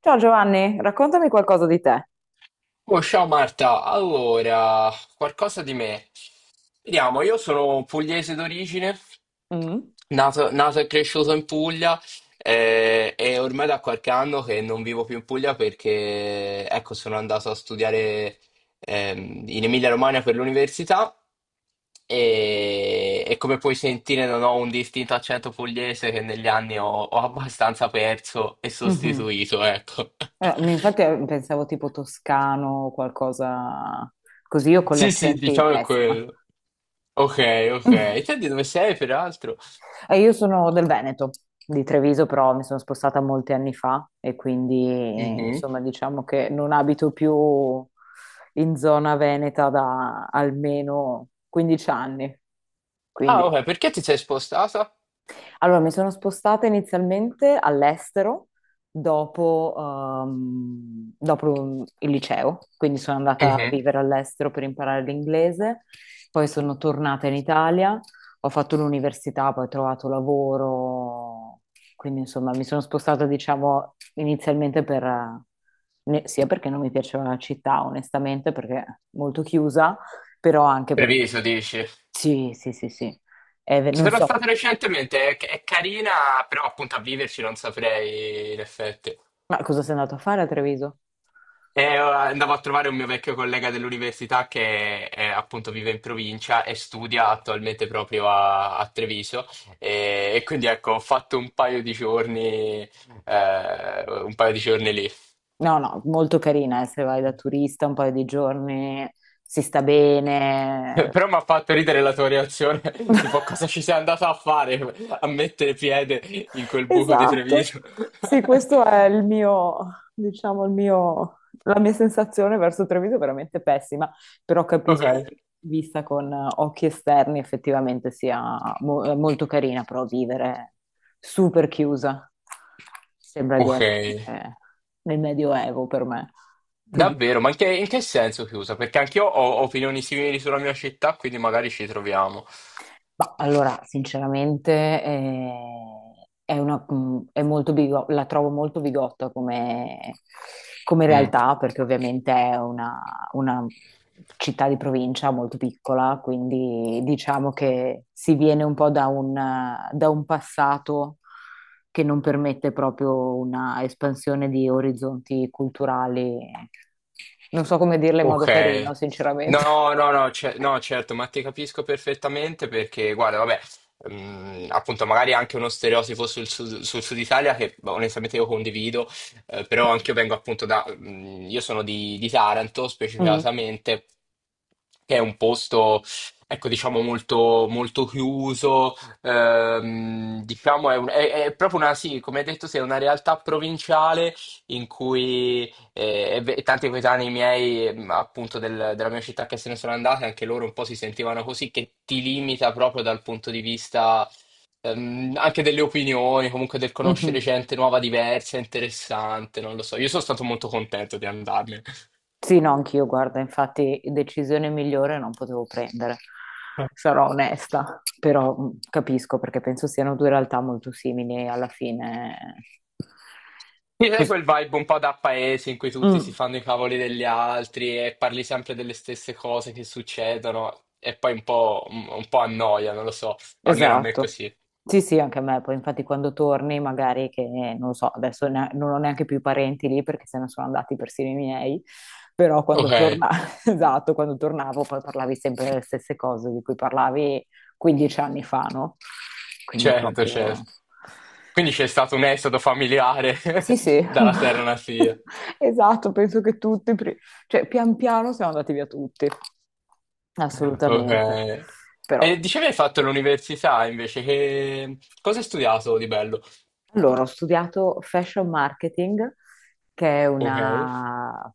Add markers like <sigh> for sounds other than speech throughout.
Ciao Giovanni, raccontami qualcosa di te. Oh, ciao Marta, allora, qualcosa di me. Vediamo, io sono pugliese d'origine, Mm. nato e cresciuto in Puglia e ormai da qualche anno che non vivo più in Puglia perché, ecco, sono andato a studiare in Emilia-Romagna per l'università e come puoi sentire non ho un distinto accento pugliese che negli anni ho abbastanza perso e Mhm. sostituito, ecco. <laughs> Infatti, pensavo tipo toscano o qualcosa così. Io con gli Sì, sì, accenti diciamo è pessima. quello. Ok, ok. <laughs> E te di dove sei, peraltro? E io sono del Veneto, di Treviso, però mi sono spostata molti anni fa e quindi eh, Mhm. insomma diciamo che non abito più in zona veneta da almeno 15 anni. Ah, Quindi ok, perché ti sei spostata? Allora, mi sono spostata inizialmente all'estero dopo il liceo. Quindi sono andata a Mhm. vivere all'estero per imparare l'inglese, poi sono tornata in Italia, ho fatto l'università, poi ho trovato lavoro. Quindi, insomma, mi sono spostata, diciamo, inizialmente sia perché non mi piaceva la città, onestamente, perché è molto chiusa, però anche per... Treviso, dici? Sì, sì, sì, sì. Ci Non sono so. stato recentemente, è carina, però appunto a viverci non saprei in effetti. Ma cosa sei andato a fare a Treviso? Andavo a trovare un mio vecchio collega dell'università che appunto vive in provincia e studia attualmente proprio a Treviso e quindi ecco ho fatto un paio di giorni, un paio di giorni lì. No, no, molto carina, se vai da turista un paio di giorni, si sta bene. <laughs> Però mi ha fatto ridere la tua reazione, <laughs> tipo <laughs> cosa ci sei andata a fare <laughs> a mettere piede in quel buco di Esatto, Treviso. <laughs> sì, questo è diciamo, la mia sensazione verso Treviso è veramente pessima, però Ok, capisco che vista con occhi esterni effettivamente sia molto carina, però vivere super chiusa sembra di ok. essere eh, nel Medioevo per me, ti dirò. Davvero, ma in che senso chiusa? Perché anch'io ho opinioni simili sulla mia città, quindi magari ci troviamo. Ma allora, sinceramente, è una- è molto bigo- la trovo molto bigotta come, come Mm. realtà, perché ovviamente è una città di provincia molto piccola, quindi diciamo che si viene un po' da un passato che non permette proprio una espansione di orizzonti culturali. Non so come dirla in modo Ok. carino, sinceramente. <laughs> No, no, no, no, certo, ma ti capisco perfettamente perché, guarda, vabbè, mm, appunto, magari anche uno stereotipo sul sud Italia che boh, onestamente io condivido, però anche io vengo appunto da, mm, io sono di Taranto Mm, specificatamente, che è un posto, ecco, diciamo molto, molto chiuso, diciamo è proprio una, sì, come hai detto, sì, è una realtà provinciale in cui e tanti coetanei miei, appunto, della mia città che se ne sono andati, anche loro un po' si sentivano così, che ti limita proprio dal punto di vista anche delle opinioni, comunque del mhm. conoscere gente nuova, diversa, interessante, non lo so. Io sono stato molto contento di andarmene. Sì, no, anch'io, guarda, infatti decisione migliore non potevo prendere, Eh, sarò onesta, però capisco perché penso siano due realtà molto simili e alla fine... Mi dai cos- quel vibe un po' da paese in cui tutti si Mm. fanno i cavoli degli altri e parli sempre delle stesse cose che succedono e poi un po' annoia, non lo so, almeno a me è Esatto. così. Sì, sì, anche a me. Poi, infatti, quando torni, magari che non lo so, adesso non ho neanche più i parenti lì perché se ne sono andati persino i miei. Però Ok, <laughs> esatto, quando tornavo poi parlavi sempre delle stesse cose di cui parlavi 15 anni fa, no? Quindi è certo, proprio. certo. Quindi c'è stato un esodo familiare Sì, <laughs> sì. dalla Serra Nasia. <laughs> Esatto, penso che tutti, cioè pian piano siamo andati via tutti. Ok. Assolutamente. Però E dicevi hai fatto l'università invece, che... cosa hai studiato di bello? Allora, ho studiato fashion marketing, che è Ok.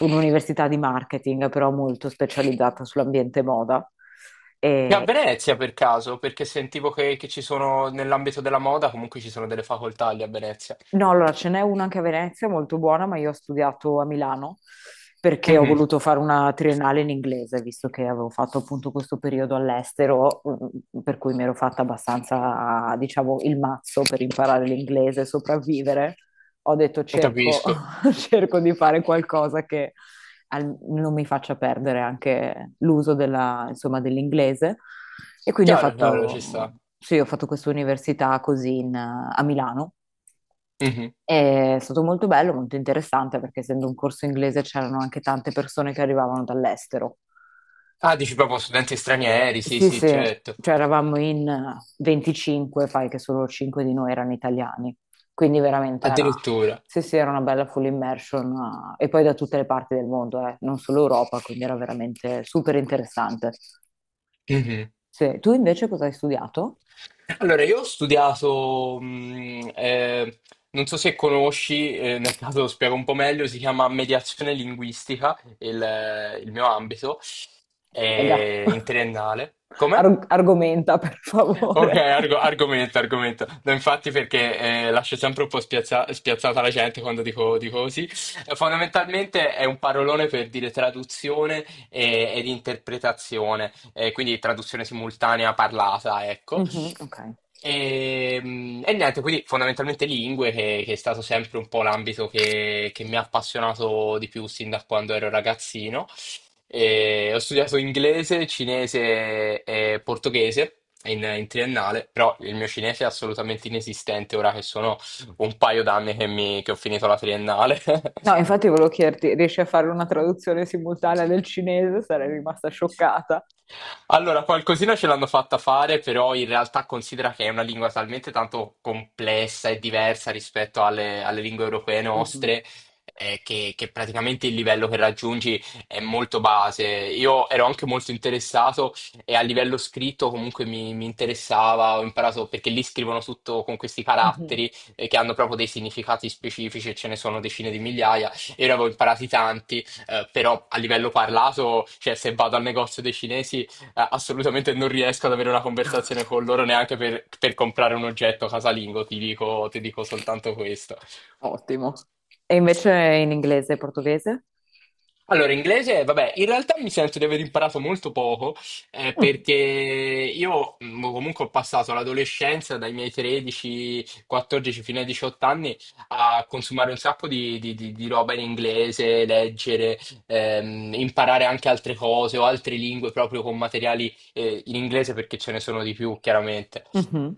un'università di marketing, però molto specializzata sull'ambiente moda. E a E- Venezia per caso, perché sentivo che ci sono, nell'ambito della moda, comunque ci sono delle facoltà lì a Venezia. no, allora ce n'è una anche a Venezia, molto buona, ma io ho studiato a Milano perché ho Mhm. voluto fare una triennale in inglese, visto che avevo fatto appunto questo periodo all'estero, per cui mi ero fatta abbastanza, diciamo, il mazzo per imparare l'inglese e sopravvivere. Ho detto, cerco, Capisco. <laughs> <laughs> cerco di fare qualcosa che non mi faccia perdere anche l'uso insomma, dell'inglese. E quindi ho Chiaro, chiaro, ci fatto, sta. sì, ho fatto questa università a Milano. Mhm. È stato molto bello, molto interessante perché essendo un corso inglese c'erano anche tante persone che arrivavano dall'estero. Ah, dici proprio studenti stranieri, sì, Sì, sì, sì, certo. cioè eravamo in 25, fai che solo 5 di noi erano italiani, quindi veramente Addirittura. sì, sì, era una bella full immersion. E poi da tutte le parti del mondo, non solo Europa, quindi era veramente super interessante. Mhm. Sì. Tu invece cosa hai studiato? Allora, io ho studiato, non so se conosci, nel caso lo spiego un po' meglio, si chiama mediazione linguistica, il mio ambito, Spiega. In <laughs> triennale. Come? Argomenta per Ok, favore. <laughs> Argomento, argomento. No, infatti perché lascio sempre un po' spiazzata la gente quando dico, dico così. Fondamentalmente è un parolone per dire ed interpretazione, quindi traduzione simultanea parlata, ecco. Mhm, ok. E niente, quindi fondamentalmente lingue, che è stato sempre un po' l'ambito che mi ha appassionato di più sin da quando ero ragazzino. E ho studiato inglese, cinese e portoghese in triennale, però il mio cinese è assolutamente inesistente ora che sono un paio d'anni che che ho finito la triennale. No, infatti <laughs> volevo chiederti, riesci a fare una traduzione simultanea del cinese? Sarei rimasta scioccata. Allora, qualcosina ce l'hanno fatta fare, però in realtà considera che è una lingua talmente tanto complessa e diversa rispetto alle lingue europee Mhm. nostre, che praticamente il livello che raggiungi è molto base. Io ero anche molto interessato e a livello scritto comunque mi interessava, ho imparato perché lì scrivono tutto con questi Mhm. caratteri, che hanno proprio dei significati specifici e ce ne sono decine di migliaia. Io ne avevo imparati tanti, però a livello parlato, cioè se vado al negozio dei cinesi assolutamente non riesco ad avere una conversazione con loro neanche per comprare un oggetto casalingo, ti dico soltanto questo. Ottimo. E invece in inglese e portoghese? Allora, inglese, vabbè, in realtà mi sento di aver imparato molto poco, Mm, perché io comunque ho passato l'adolescenza dai miei 13, 14 fino ai 18 anni a consumare un sacco di roba in inglese, leggere, imparare anche altre cose o altre lingue proprio con materiali, in inglese perché ce ne sono di più, chiaramente. mhm.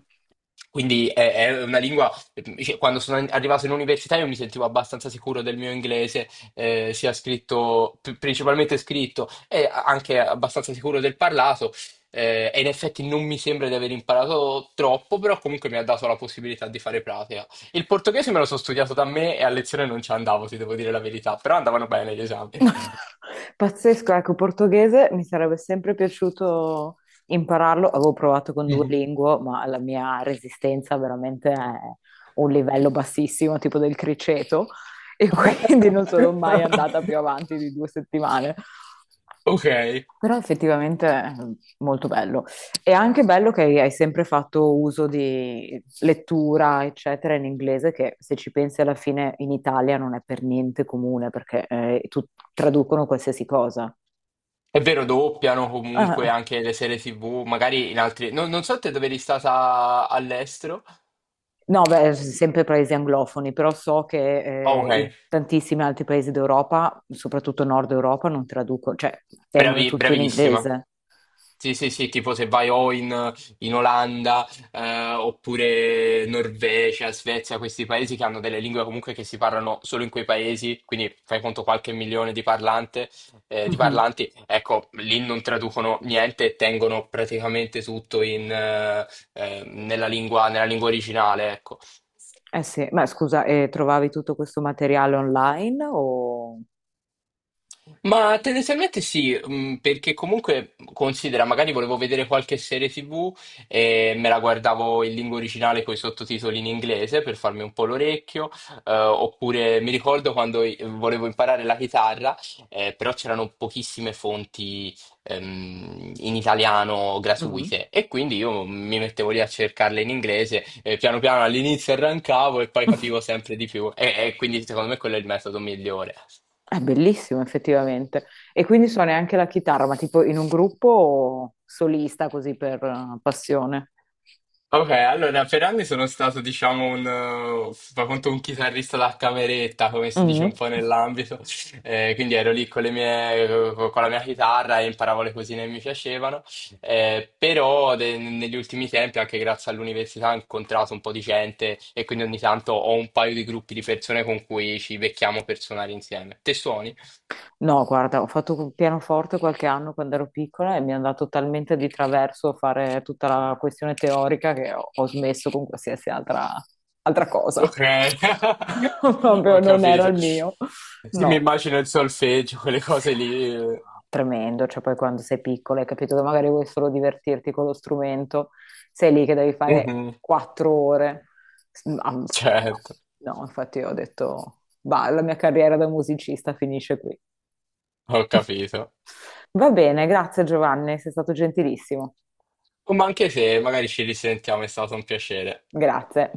Quindi è una lingua, cioè, quando sono arrivato in università io mi sentivo abbastanza sicuro del mio inglese principalmente scritto e anche abbastanza sicuro del parlato. E in effetti non mi sembra di aver imparato troppo, però comunque mi ha dato la possibilità di fare pratica. Il portoghese me lo sono studiato da me e a lezione non ci andavo, ti devo dire la verità, però andavano bene gli esami. <laughs> Pazzesco, ecco, portoghese mi sarebbe sempre piaciuto impararlo. Avevo provato con Mhm. Duolingo, ma la mia resistenza veramente è un livello bassissimo, tipo del criceto, e <laughs> quindi non sono mai <laughs> andata più avanti di 2 settimane. Ok, è Però effettivamente è molto bello. E anche bello che hai sempre fatto uso di lettura, eccetera, in inglese, che se ci pensi alla fine in Italia non è per niente comune perché traducono qualsiasi cosa. vero, doppiano comunque Ah, anche le serie TV, magari in altri... Non, non so te dove eri stata all'estero. no, beh, sempre paesi anglofoni, però so Ah, che in ok. tantissimi altri paesi d'Europa, soprattutto Nord Europa, non traducono, cioè tengono tutto in Bravissima. inglese. Sì, sì, sì, tipo se vai in Olanda, oppure Norvegia, Svezia, questi paesi che hanno delle lingue comunque che si parlano solo in quei paesi, quindi fai conto qualche milione di parlante, di Mhm. parlanti, ecco, lì non traducono niente e tengono praticamente tutto nella lingua originale, ecco. Eh sì, ma scusa, trovavi tutto questo materiale online o... Ma tendenzialmente sì, perché comunque considera, magari volevo vedere qualche serie TV e me la guardavo in lingua originale con i sottotitoli in inglese per farmi un po' l'orecchio, oppure mi ricordo quando volevo imparare la chitarra, però c'erano pochissime fonti in italiano Mhm. gratuite e quindi io mi mettevo lì a cercarle in inglese, piano piano all'inizio arrancavo e poi capivo sempre di più e quindi secondo me quello è il metodo migliore. È bellissimo effettivamente. E quindi suoni anche la chitarra, ma tipo in un gruppo o solista così per passione? Ok, allora per anni sono stato, diciamo, fa conto un chitarrista da cameretta, come si dice Mm. un po' nell'ambito. Quindi ero lì con le mie, con la mia chitarra e imparavo le cosine che mi piacevano. Negli ultimi tempi, anche grazie all'università, ho incontrato un po' di gente e quindi ogni tanto ho un paio di gruppi di persone con cui ci becchiamo per suonare insieme. Te suoni? No, guarda, ho fatto il pianoforte qualche anno quando ero piccola e mi è andato talmente di traverso a fare tutta la questione teorica che ho smesso con qualsiasi altra cosa. Ok, <laughs> <laughs> Proprio ho non era capito. il mio. Sì, mi No. immagino il solfeggio, quelle cose lì. Tremendo, cioè poi quando sei piccolo hai capito che magari vuoi solo divertirti con lo strumento, sei lì che devi fare Mhm. 4 ore. <laughs> Certo, No, no, infatti io ho detto, bah, la mia carriera da musicista finisce qui. ho capito. <laughs> Va bene, grazie Giovanni, sei stato gentilissimo. Ma anche se magari ci risentiamo, è stato un piacere. Grazie.